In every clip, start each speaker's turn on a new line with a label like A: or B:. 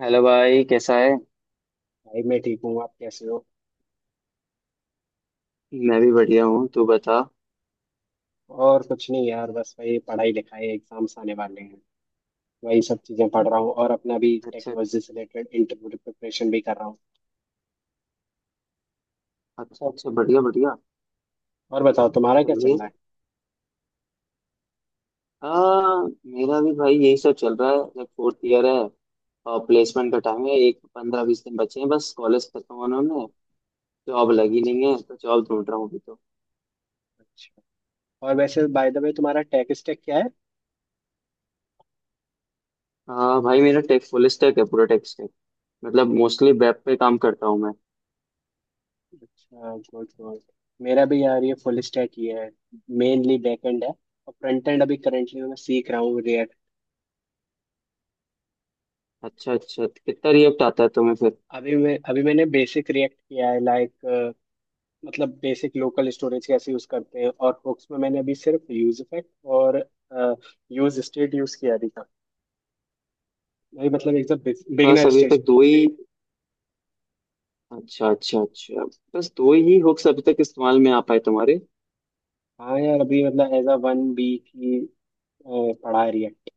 A: Hello भाई कैसा है?
B: भाई मैं ठीक हूँ, आप कैसे हो।
A: मैं भी बढ़िया हूँ, तू बता।
B: और कुछ नहीं यार, बस वही पढ़ाई लिखाई, एग्जाम्स आने वाले हैं। वही सब चीजें पढ़ रहा हूँ और अपना भी
A: अच्छा।
B: टेक्नोलॉजी से रिलेटेड इंटरव्यू प्रिपरेशन भी कर रहा हूँ।
A: अच्छा अच्छा, बढ़िया बढ़िया।
B: और बताओ, तुम्हारा क्या
A: सही
B: चल
A: है।
B: रहा है।
A: आ, मेरा भी भाई यही सब चल रहा है, जब फोर्थ ईयर है और प्लेसमेंट का टाइम है। एक पंद्रह बीस दिन बचे हैं बस कॉलेज खत्म होने में। जॉब लगी नहीं है तो जॉब ढूंढ रहा हूँ अभी तो।
B: अच्छा। और वैसे बाय द वे, तुम्हारा टेक स्टैक क्या है।
A: हाँ भाई, मेरा टेक फुल स्टैक है, पूरा टेक स्टैक। मतलब मोस्टली वेब पे काम करता हूँ मैं।
B: अच्छा, गुड गुड। मेरा भी यार ये फुल स्टैक ही है। मेनली बैकएंड है, और फ्रंट एंड अभी करेंटली मैं सीख रहा हूँ रिएक्ट।
A: अच्छा अच्छा, तो कितना रिएक्ट आता है तुम्हें फिर?
B: अभी मैंने बेसिक रिएक्ट किया है, लाइक, मतलब बेसिक लोकल स्टोरेज कैसे यूज करते हैं, और हुक्स में मैंने अभी सिर्फ यूज इफेक्ट और यूज स्टेट यूज किया अभी तक। भाई मतलब एकदम
A: बस
B: बिगिनर
A: अभी
B: स्टेज
A: तक
B: पे।
A: दो ही? अच्छा अच्छा अच्छा। बस दो ही हुक्स अभी तक इस्तेमाल में आ पाए तुम्हारे।
B: हाँ यार, अभी मतलब एज अ वन बी की पढ़ा है रिएक्ट।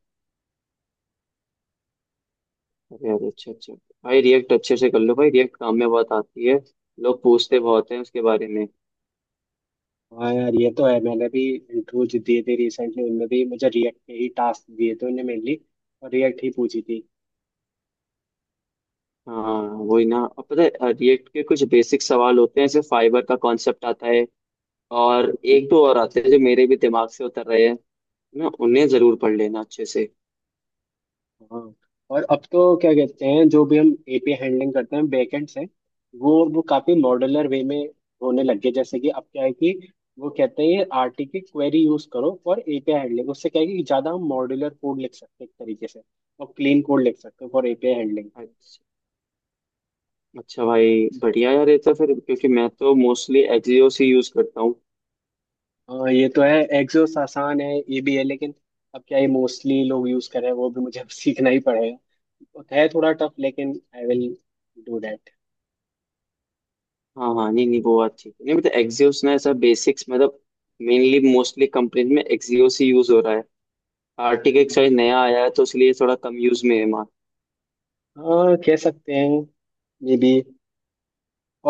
A: अरे अरे, अच्छा अच्छा। भाई रिएक्ट अच्छे से कर लो भाई, रिएक्ट काम में बहुत आती है। लोग पूछते बहुत हैं उसके बारे में।
B: हाँ यार ये तो है, मैंने भी इंटरव्यूज दिए थे रिसेंटली, उनमें भी मुझे रिएक्ट के ही टास्क दिए थे उन्हें मेनली, और रिएक्ट ही पूछी थी।
A: हाँ वही ना, अब पता है रिएक्ट के कुछ बेसिक सवाल होते हैं, जैसे फाइबर का कॉन्सेप्ट आता है और एक दो और आते हैं जो मेरे भी दिमाग से उतर रहे हैं ना, उन्हें जरूर पढ़ लेना अच्छे से।
B: हाँ। और अब तो क्या कहते हैं, जो भी हम एपीआई हैंडलिंग करते हैं बैकएंड से, वो काफी मॉड्यूलर वे में होने लग गए। जैसे कि अब क्या है कि वो कहते हैं RT K query use for API API हैंडलिंग, उससे क्या है कि ज्यादा हम मॉड्यूलर कोड लिख सकते हैं एक तरीके से, और क्लीन कोड लिख सकते हैं फॉर एपीआई हैंडलिंग।
A: अच्छा अच्छा भाई, बढ़िया यार। ये तो फिर, क्योंकि मैं तो मोस्टली एक्सियोस ही यूज करता हूँ।
B: हाँ ये तो है, एक्सोस आसान है ये भी है, लेकिन अब क्या है मोस्टली लोग यूज कर रहे हैं, वो भी मुझे अब सीखना ही पड़ेगा। है थोड़ा टफ, लेकिन आई विल डू दैट।
A: हाँ हाँ, नहीं नहीं, वो बात ठीक है। नहीं मतलब एक्सियोस ना, ऐसा बेसिक्स मतलब, मेनली मोस्टली कंपनीज में एक्सियोस ही यूज हो रहा है। आर्टिक एक नया आया है, तो इसलिए थोड़ा कम यूज में है मार।
B: हाँ कह सकते हैं, मे बी।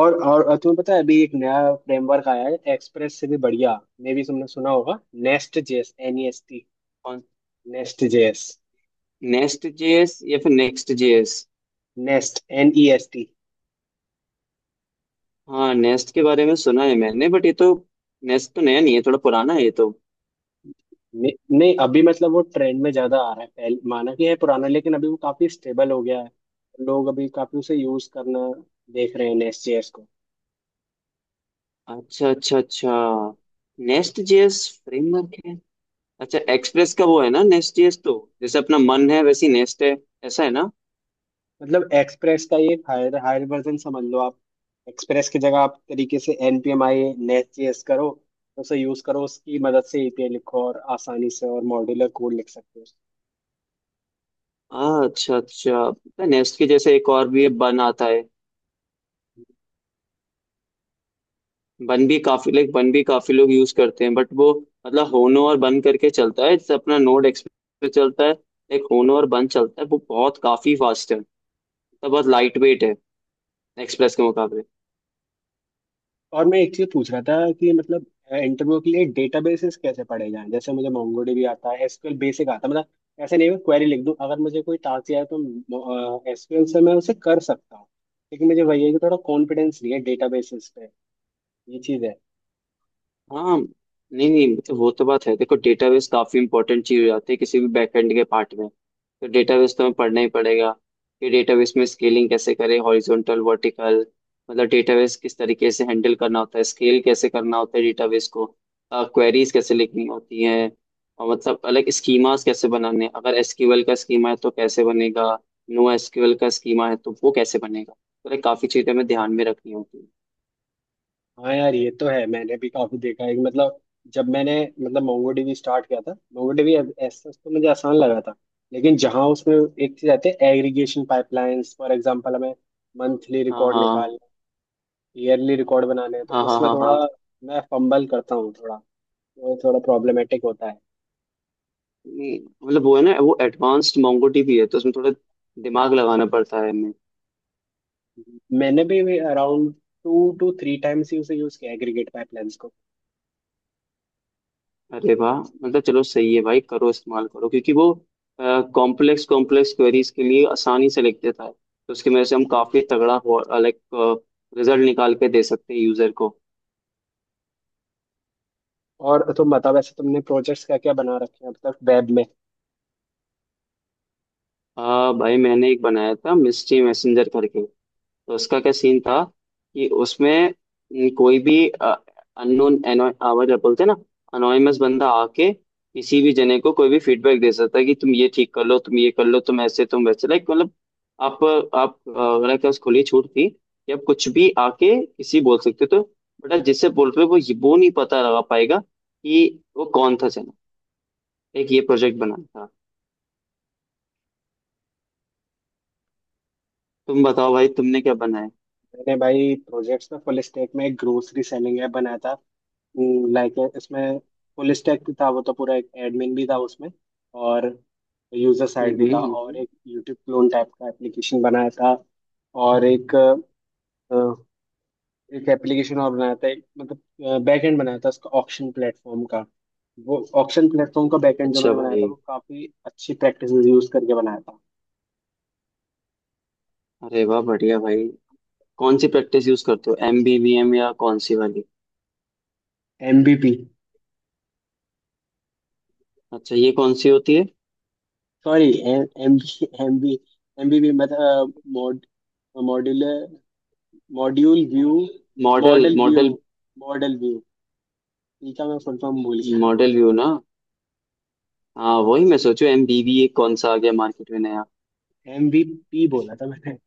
B: और तुम्हें पता है अभी एक नया फ्रेमवर्क आया है एक्सप्रेस से भी बढ़िया। मे भी तुमने सुना होगा, Nest JS, N E S T.
A: और
B: नेस्ट जेएस।
A: नेस्ट जेएस या फिर Next JS?
B: Nest, N E S T.
A: हाँ, नेस्ट के बारे में सुना है मैंने, बट ये तो, नेस्ट तो नया नहीं है, थोड़ा पुराना है ये तो।
B: नहीं अभी मतलब वो ट्रेंड में ज्यादा आ रहा है, पहले माना कि है पुराना, लेकिन अभी वो काफी स्टेबल हो गया है। लोग अभी काफी उसे यूज करना देख रहे हैं, नेस्ट जेएस को।
A: अच्छा अच्छा अच्छा, नेस्ट जेएस फ्रेमवर्क है। अच्छा, एक्सप्रेस का वो है ना नेस्ट जेएस तो। जैसे अपना मन है, वैसी नेस्ट है, ऐसा है ना?
B: मतलब एक्सप्रेस का ये हायर हायर वर्जन समझ लो आप। एक्सप्रेस की जगह आप तरीके से npmi नेस्ट जेएस करो। उसे यूज करो, उसकी मदद से एपीआई लिखो, और आसानी से और मॉड्यूलर कोड लिख सकते हो।
A: अच्छा अच्छा, नेस्ट के जैसे एक और भी बन आता है। बन भी काफी, लाइक बन भी काफी लोग यूज करते हैं, बट वो, मतलब होनो और बन करके चलता है। जैसे अपना नोड एक्सप्रेस पे चलता है, लाइक होनो और बन चलता है, वो बहुत काफी फास्ट है। मतलब बहुत लाइट वेट है एक्सप्रेस के मुकाबले।
B: और मैं एक चीज पूछ रहा था कि मतलब इंटरव्यू के लिए डेटाबेसेस कैसे पढ़े जाएं, जैसे मुझे मोंगोडीबी आता है, एसक्यूएल बेसिक आता है, मतलब ऐसे नहीं, मैं क्वेरी लिख दूं अगर मुझे कोई टास्क आए तो एसक्यूएल से मैं उसे कर सकता हूँ, लेकिन मुझे वही है कि थोड़ा कॉन्फिडेंस नहीं है डेटाबेसेस पे, ये चीज है।
A: हाँ, नहीं नहीं, मतलब वो तो बात है। देखो, डेटाबेस काफी इंपॉर्टेंट चीज हो जाती है किसी भी बैकएंड के पार्ट में, तो डेटाबेस तो हमें पढ़ना ही पड़ेगा, कि डेटाबेस में स्केलिंग कैसे करें, हॉरिजॉन्टल, वर्टिकल। मतलब डेटाबेस किस तरीके से हैंडल करना होता है, स्केल कैसे करना होता है डेटाबेस को, क्वेरीज कैसे लिखनी होती हैं। और मतलब अलग स्कीमास कैसे बनाने हैं। अगर एसक्यूएल का स्कीमा है तो कैसे बनेगा, नो एसक्यूएल का स्कीमा है तो वो कैसे बनेगा। तो काफी चीजें हमें ध्यान में रखनी होती है।
B: हाँ यार ये तो है, मैंने भी काफी देखा है कि मतलब जब मैंने, मतलब mongodb स्टार्ट किया था, mongodb ऐसा तो मुझे आसान लगा था, लेकिन जहाँ उसमें एक चीज आती है एग्रीगेशन पाइपलाइंस, फॉर एग्जांपल हमें मंथली
A: हाँ
B: रिकॉर्ड
A: हाँ
B: निकालना, ईयरली रिकॉर्ड बनाने हैं, तो
A: हाँ हाँ।
B: उसमें
A: हाँ
B: थोड़ा
A: हाँ।
B: मैं फंबल करता हूँ थोड़ा, वो थोड़ा प्रॉब्लमेटिक होता है।
A: नहीं, मतलब वो है ना, वो एडवांस्ड मोंगोडीबी है, तो उसमें थोड़ा दिमाग लगाना पड़ता है हमें।
B: मैंने भी around two two three times ही उसे यूज किया, एग्रीगेट पाइपलाइंस को।
A: अरे वाह, मतलब चलो सही है भाई, करो इस्तेमाल करो, क्योंकि वो कॉम्प्लेक्स कॉम्प्लेक्स क्वेरीज के लिए आसानी से लिख देता है, तो उसकी वजह से हम
B: हम्म।
A: काफी तगड़ा, लाइक, रिजल्ट निकाल के दे सकते हैं यूजर को।
B: और तुम बताओ, वैसे तुमने प्रोजेक्ट्स क्या क्या बना रखे हैं अब तक, वेब
A: भाई मैंने एक बनाया था मिस्ट्री मैसेंजर करके। तो उसका क्या सीन
B: में?
A: था कि उसमें, न, कोई भी अननोन, क्या बोलते हैं ना, अनोनिमस बंदा आके किसी भी जने को कोई भी फीडबैक दे सकता है कि तुम ये ठीक कर लो, तुम ये कर लो, तुम ऐसे, तुम वैसे, लाइक मतलब, आप आप अगर, क्या, उस खुली छूट थी कि आप कुछ भी आके किसी बोल सकते हो। तो बेटा, जिससे बोल रहे हो, वो वो नहीं पता लगा पाएगा कि वो कौन था जना। एक ये प्रोजेक्ट बनाया था। तुम बताओ भाई, तुमने क्या बनाया?
B: मैंने भाई प्रोजेक्ट्स में, फुल स्टैक में एक ग्रोसरी सेलिंग ऐप बनाया था। लाइक इसमें फुल स्टैक था वो तो पूरा, एक एडमिन भी था उसमें और यूजर
A: हम्म
B: साइड भी था,
A: हम्म
B: और
A: हम्म।
B: एक यूट्यूब क्लोन टाइप का एप्लीकेशन बनाया था। और एक अ, एक एप्लीकेशन और बनाया था मतलब बैक एंड बनाया था उसका, ऑक्शन प्लेटफॉर्म का। वो ऑक्शन प्लेटफॉर्म का बैक एंड जो
A: अच्छा
B: मैंने बनाया था
A: भाई,
B: वो काफी अच्छी प्रैक्टिस यूज करके बनाया था।
A: अरे वाह बढ़िया भाई। कौन सी प्रैक्टिस यूज करते हो, एम बी वी एम, या कौन सी वाली?
B: एमबीपी।
A: अच्छा, ये कौन सी होती है?
B: Sorry, M B M B, M B भी मतलब mod, modular, module view,
A: model
B: model view,
A: model.
B: Model view. ठीक है, मैं फुल फॉर्म भूल गया।
A: मॉडल व्यू ना? हाँ, वही मैं सोचू एम बी वी कौन सा आ गया मार्केट में नया।
B: एम बी पी बोला था मैंने।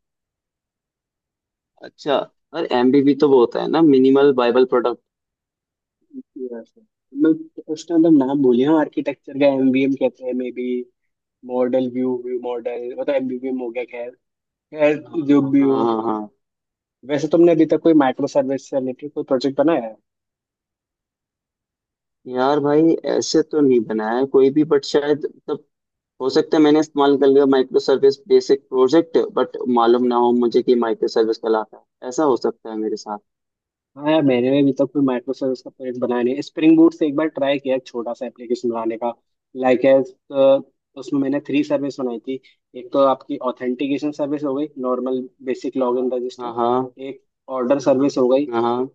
A: अच्छा। और एम बी वी तो वो होता है ना, मिनिमल बाइबल प्रोडक्ट।
B: Yes. मतलब उसका मतलब नाम भूल गया आर्किटेक्चर का, एम बी एम कहते हैं maybe. Model view view model, मतलब एम बी बी एम हो गया, खैर, खैर, जो भी
A: हाँ
B: हो।
A: हाँ हाँ।
B: वैसे तुमने अभी तक कोई माइक्रो सर्विस से रिलेटेड कोई प्रोजेक्ट बनाया है?
A: यार भाई, ऐसे तो नहीं बनाया है कोई भी, बट शायद, मतलब, हो सकता है मैंने इस्तेमाल कर लिया micro service basic project, but मालूम ना हो मुझे कि माइक्रो सर्विस कहलाता है। ऐसा हो सकता है मेरे साथ।
B: हाँ यार, मैंने भी अभी तक कोई माइक्रो सर्विस का प्रोजेक्ट बनाया नहीं, स्प्रिंग बूट से एक बार ट्राई किया एक छोटा सा एप्लीकेशन बनाने का, लाइक एज। उसमें मैंने थ्री सर्विस बनाई थी। एक तो आपकी ऑथेंटिकेशन सर्विस हो गई, नॉर्मल बेसिक लॉगिन रजिस्टर।
A: हाँ हाँ
B: एक ऑर्डर सर्विस हो गई।
A: हाँ हाँ।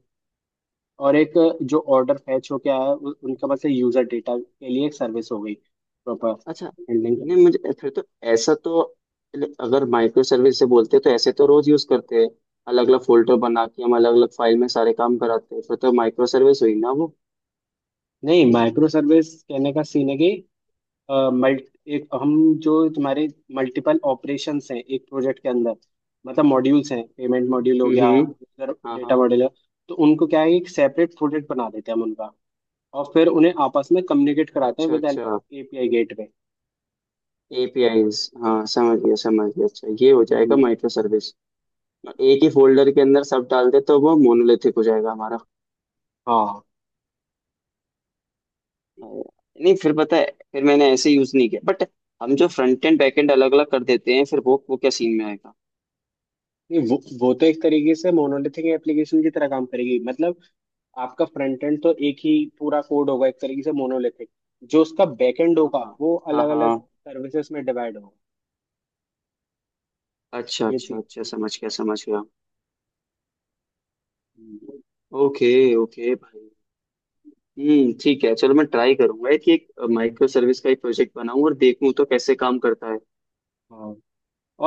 B: और एक जो ऑर्डर फैच होके आया उनका मतलब यूजर डेटा के लिए एक सर्विस हो गई, प्रॉपर
A: अच्छा।
B: हैंडलिंग करने।
A: नहीं, मुझे फिर तो, ऐसा तो, अगर माइक्रो सर्विस से बोलते हैं तो ऐसे तो रोज यूज करते हैं। अलग अलग फोल्डर बना के हम अलग अलग फाइल में सारे काम कराते हैं, फिर तो माइक्रो सर्विस हुई ना वो?
B: नहीं, माइक्रो सर्विस कहने का सीन है कि मल्ट एक हम जो तुम्हारे मल्टीपल ऑपरेशंस हैं एक प्रोजेक्ट के अंदर, मतलब मॉड्यूल्स हैं, पेमेंट मॉड्यूल हो गया,
A: हम्म।
B: यूजर
A: हाँ
B: डेटा
A: हाँ।
B: मॉड्यूल है। तो उनको क्या है, एक सेपरेट प्रोजेक्ट बना देते हैं हम उनका, और फिर उन्हें आपस में कम्युनिकेट कराते हैं
A: अच्छा
B: विद हेल्प ऑफ
A: अच्छा,
B: एपीआई गेटवे।
A: एपीआईज, हाँ समझ गया समझ गया, अच्छा, ये हो जाएगा
B: हम्म।
A: Micro service. एक ही फोल्डर के अंदर सब डाल दे तो वो मोनोलिथिक हो जाएगा हमारा।
B: हाँ।
A: नहीं फिर पता है, फिर मैंने ऐसे यूज नहीं किया, बट हम जो फ्रंट एंड बैक एंड अलग अलग कर देते हैं, फिर वो क्या सीन में आएगा?
B: नहीं, वो तो एक तरीके से मोनोलिथिक एप्लीकेशन की तरह काम करेगी, मतलब आपका फ्रंट एंड तो एक ही पूरा कोड होगा, एक तरीके से मोनोलिथिक। जो उसका बैक एंड होगा
A: हाँ
B: वो
A: हाँ
B: अलग
A: हाँ।
B: अलग सर्विसेज में डिवाइड होगा।
A: अच्छा
B: ये
A: अच्छा
B: चीज।
A: अच्छा, समझ गया समझ गया।
B: हम्म,
A: ओके, ओके भाई। हम्म, ठीक है, चलो मैं ट्राई करूंगा कि एक माइक्रो सर्विस का एक प्रोजेक्ट बनाऊं और देखूं तो कैसे काम करता है।
B: हाँ।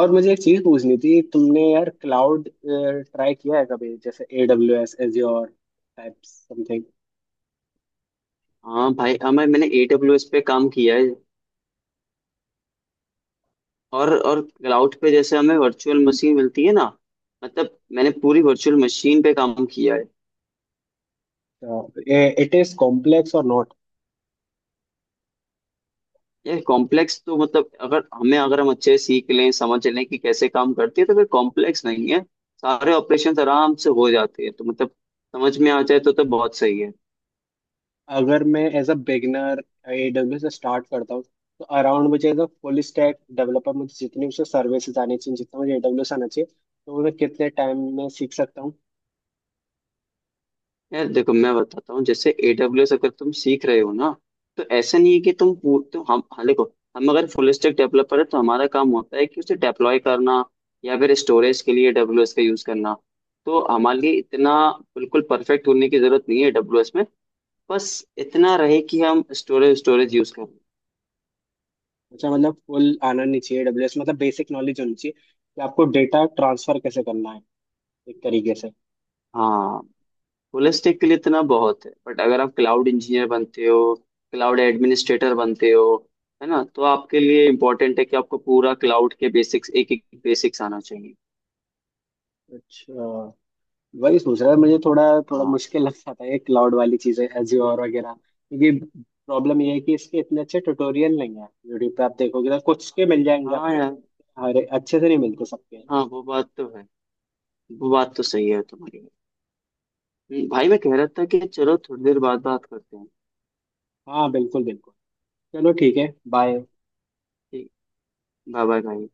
B: और मुझे एक चीज पूछनी थी, तुमने यार क्लाउड ट्राई किया है कभी, जैसे A W S, Azure type something?
A: हाँ भाई हाँ, मैंने AWS पे काम किया है। और क्लाउड पे जैसे हमें वर्चुअल मशीन मिलती है ना, मतलब मैंने पूरी वर्चुअल मशीन पे काम किया है।
B: इट इज कॉम्प्लेक्स और नॉट?
A: यार कॉम्प्लेक्स तो, मतलब अगर हम अच्छे से सीख लें समझ लें कि कैसे काम करती है, तो फिर कॉम्प्लेक्स नहीं है। सारे ऑपरेशन आराम से हो जाते हैं, तो मतलब समझ में आ जाए तो बहुत सही है।
B: अगर मैं as a beginner A W से स्टार्ट करता हूँ, तो अराउंड मुझे as a full stack developer मुझे जितनी मुझे सर्विसेज आनी चाहिए, जितना मुझे ए डब्ल्यू एस आना चाहिए, तो वो मैं कितने टाइम में सीख सकता हूँ?
A: यार देखो, मैं बताता हूँ, जैसे AWS अगर तुम सीख रहे हो ना, तो ऐसा नहीं है कि तो हम, हाँ देखो, हम अगर फुल स्टैक डेवलपर है तो हमारा काम होता है कि उसे डेप्लॉय करना, या फिर स्टोरेज के लिए AWS का यूज करना। तो हमारे लिए इतना बिल्कुल परफेक्ट होने की जरूरत नहीं है AWS में। बस इतना रहे कि हम स्टोरेज स्टोरेज यूज करें।
B: अच्छा, मतलब फुल आना नहीं चाहिए ए डब्ल्यू एस, मतलब बेसिक नॉलेज होनी चाहिए कि आपको डेटा ट्रांसफर कैसे करना है, एक तरीके से।
A: हाँ, होलिस्टिक के लिए इतना बहुत है, बट अगर आप क्लाउड इंजीनियर बनते हो, क्लाउड एडमिनिस्ट्रेटर बनते हो, है ना, तो आपके लिए इम्पोर्टेंट है कि आपको पूरा क्लाउड के बेसिक्स, एक एक बेसिक्स आना चाहिए।
B: अच्छा, वही सोच रहा है, मुझे थोड़ा थोड़ा
A: हाँ
B: मुश्किल लग जाता है ये क्लाउड वाली चीजें, एज्योर वगैरह, क्योंकि प्रॉब्लम ये है कि इसके इतने अच्छे ट्यूटोरियल नहीं है, यूट्यूब पे आप देखोगे तो कुछ के मिल जाएंगे
A: हाँ
B: आपको।
A: यार।
B: अरे, अच्छे से नहीं मिलते सबके।
A: हाँ वो बात तो है, वो बात तो सही है तुम्हारी। भाई मैं कह रहा था कि चलो थोड़ी देर बाद बात करते हैं।
B: हाँ बिल्कुल बिल्कुल। चलो ठीक है, बाय।
A: ठीक। बाय बाय भाई।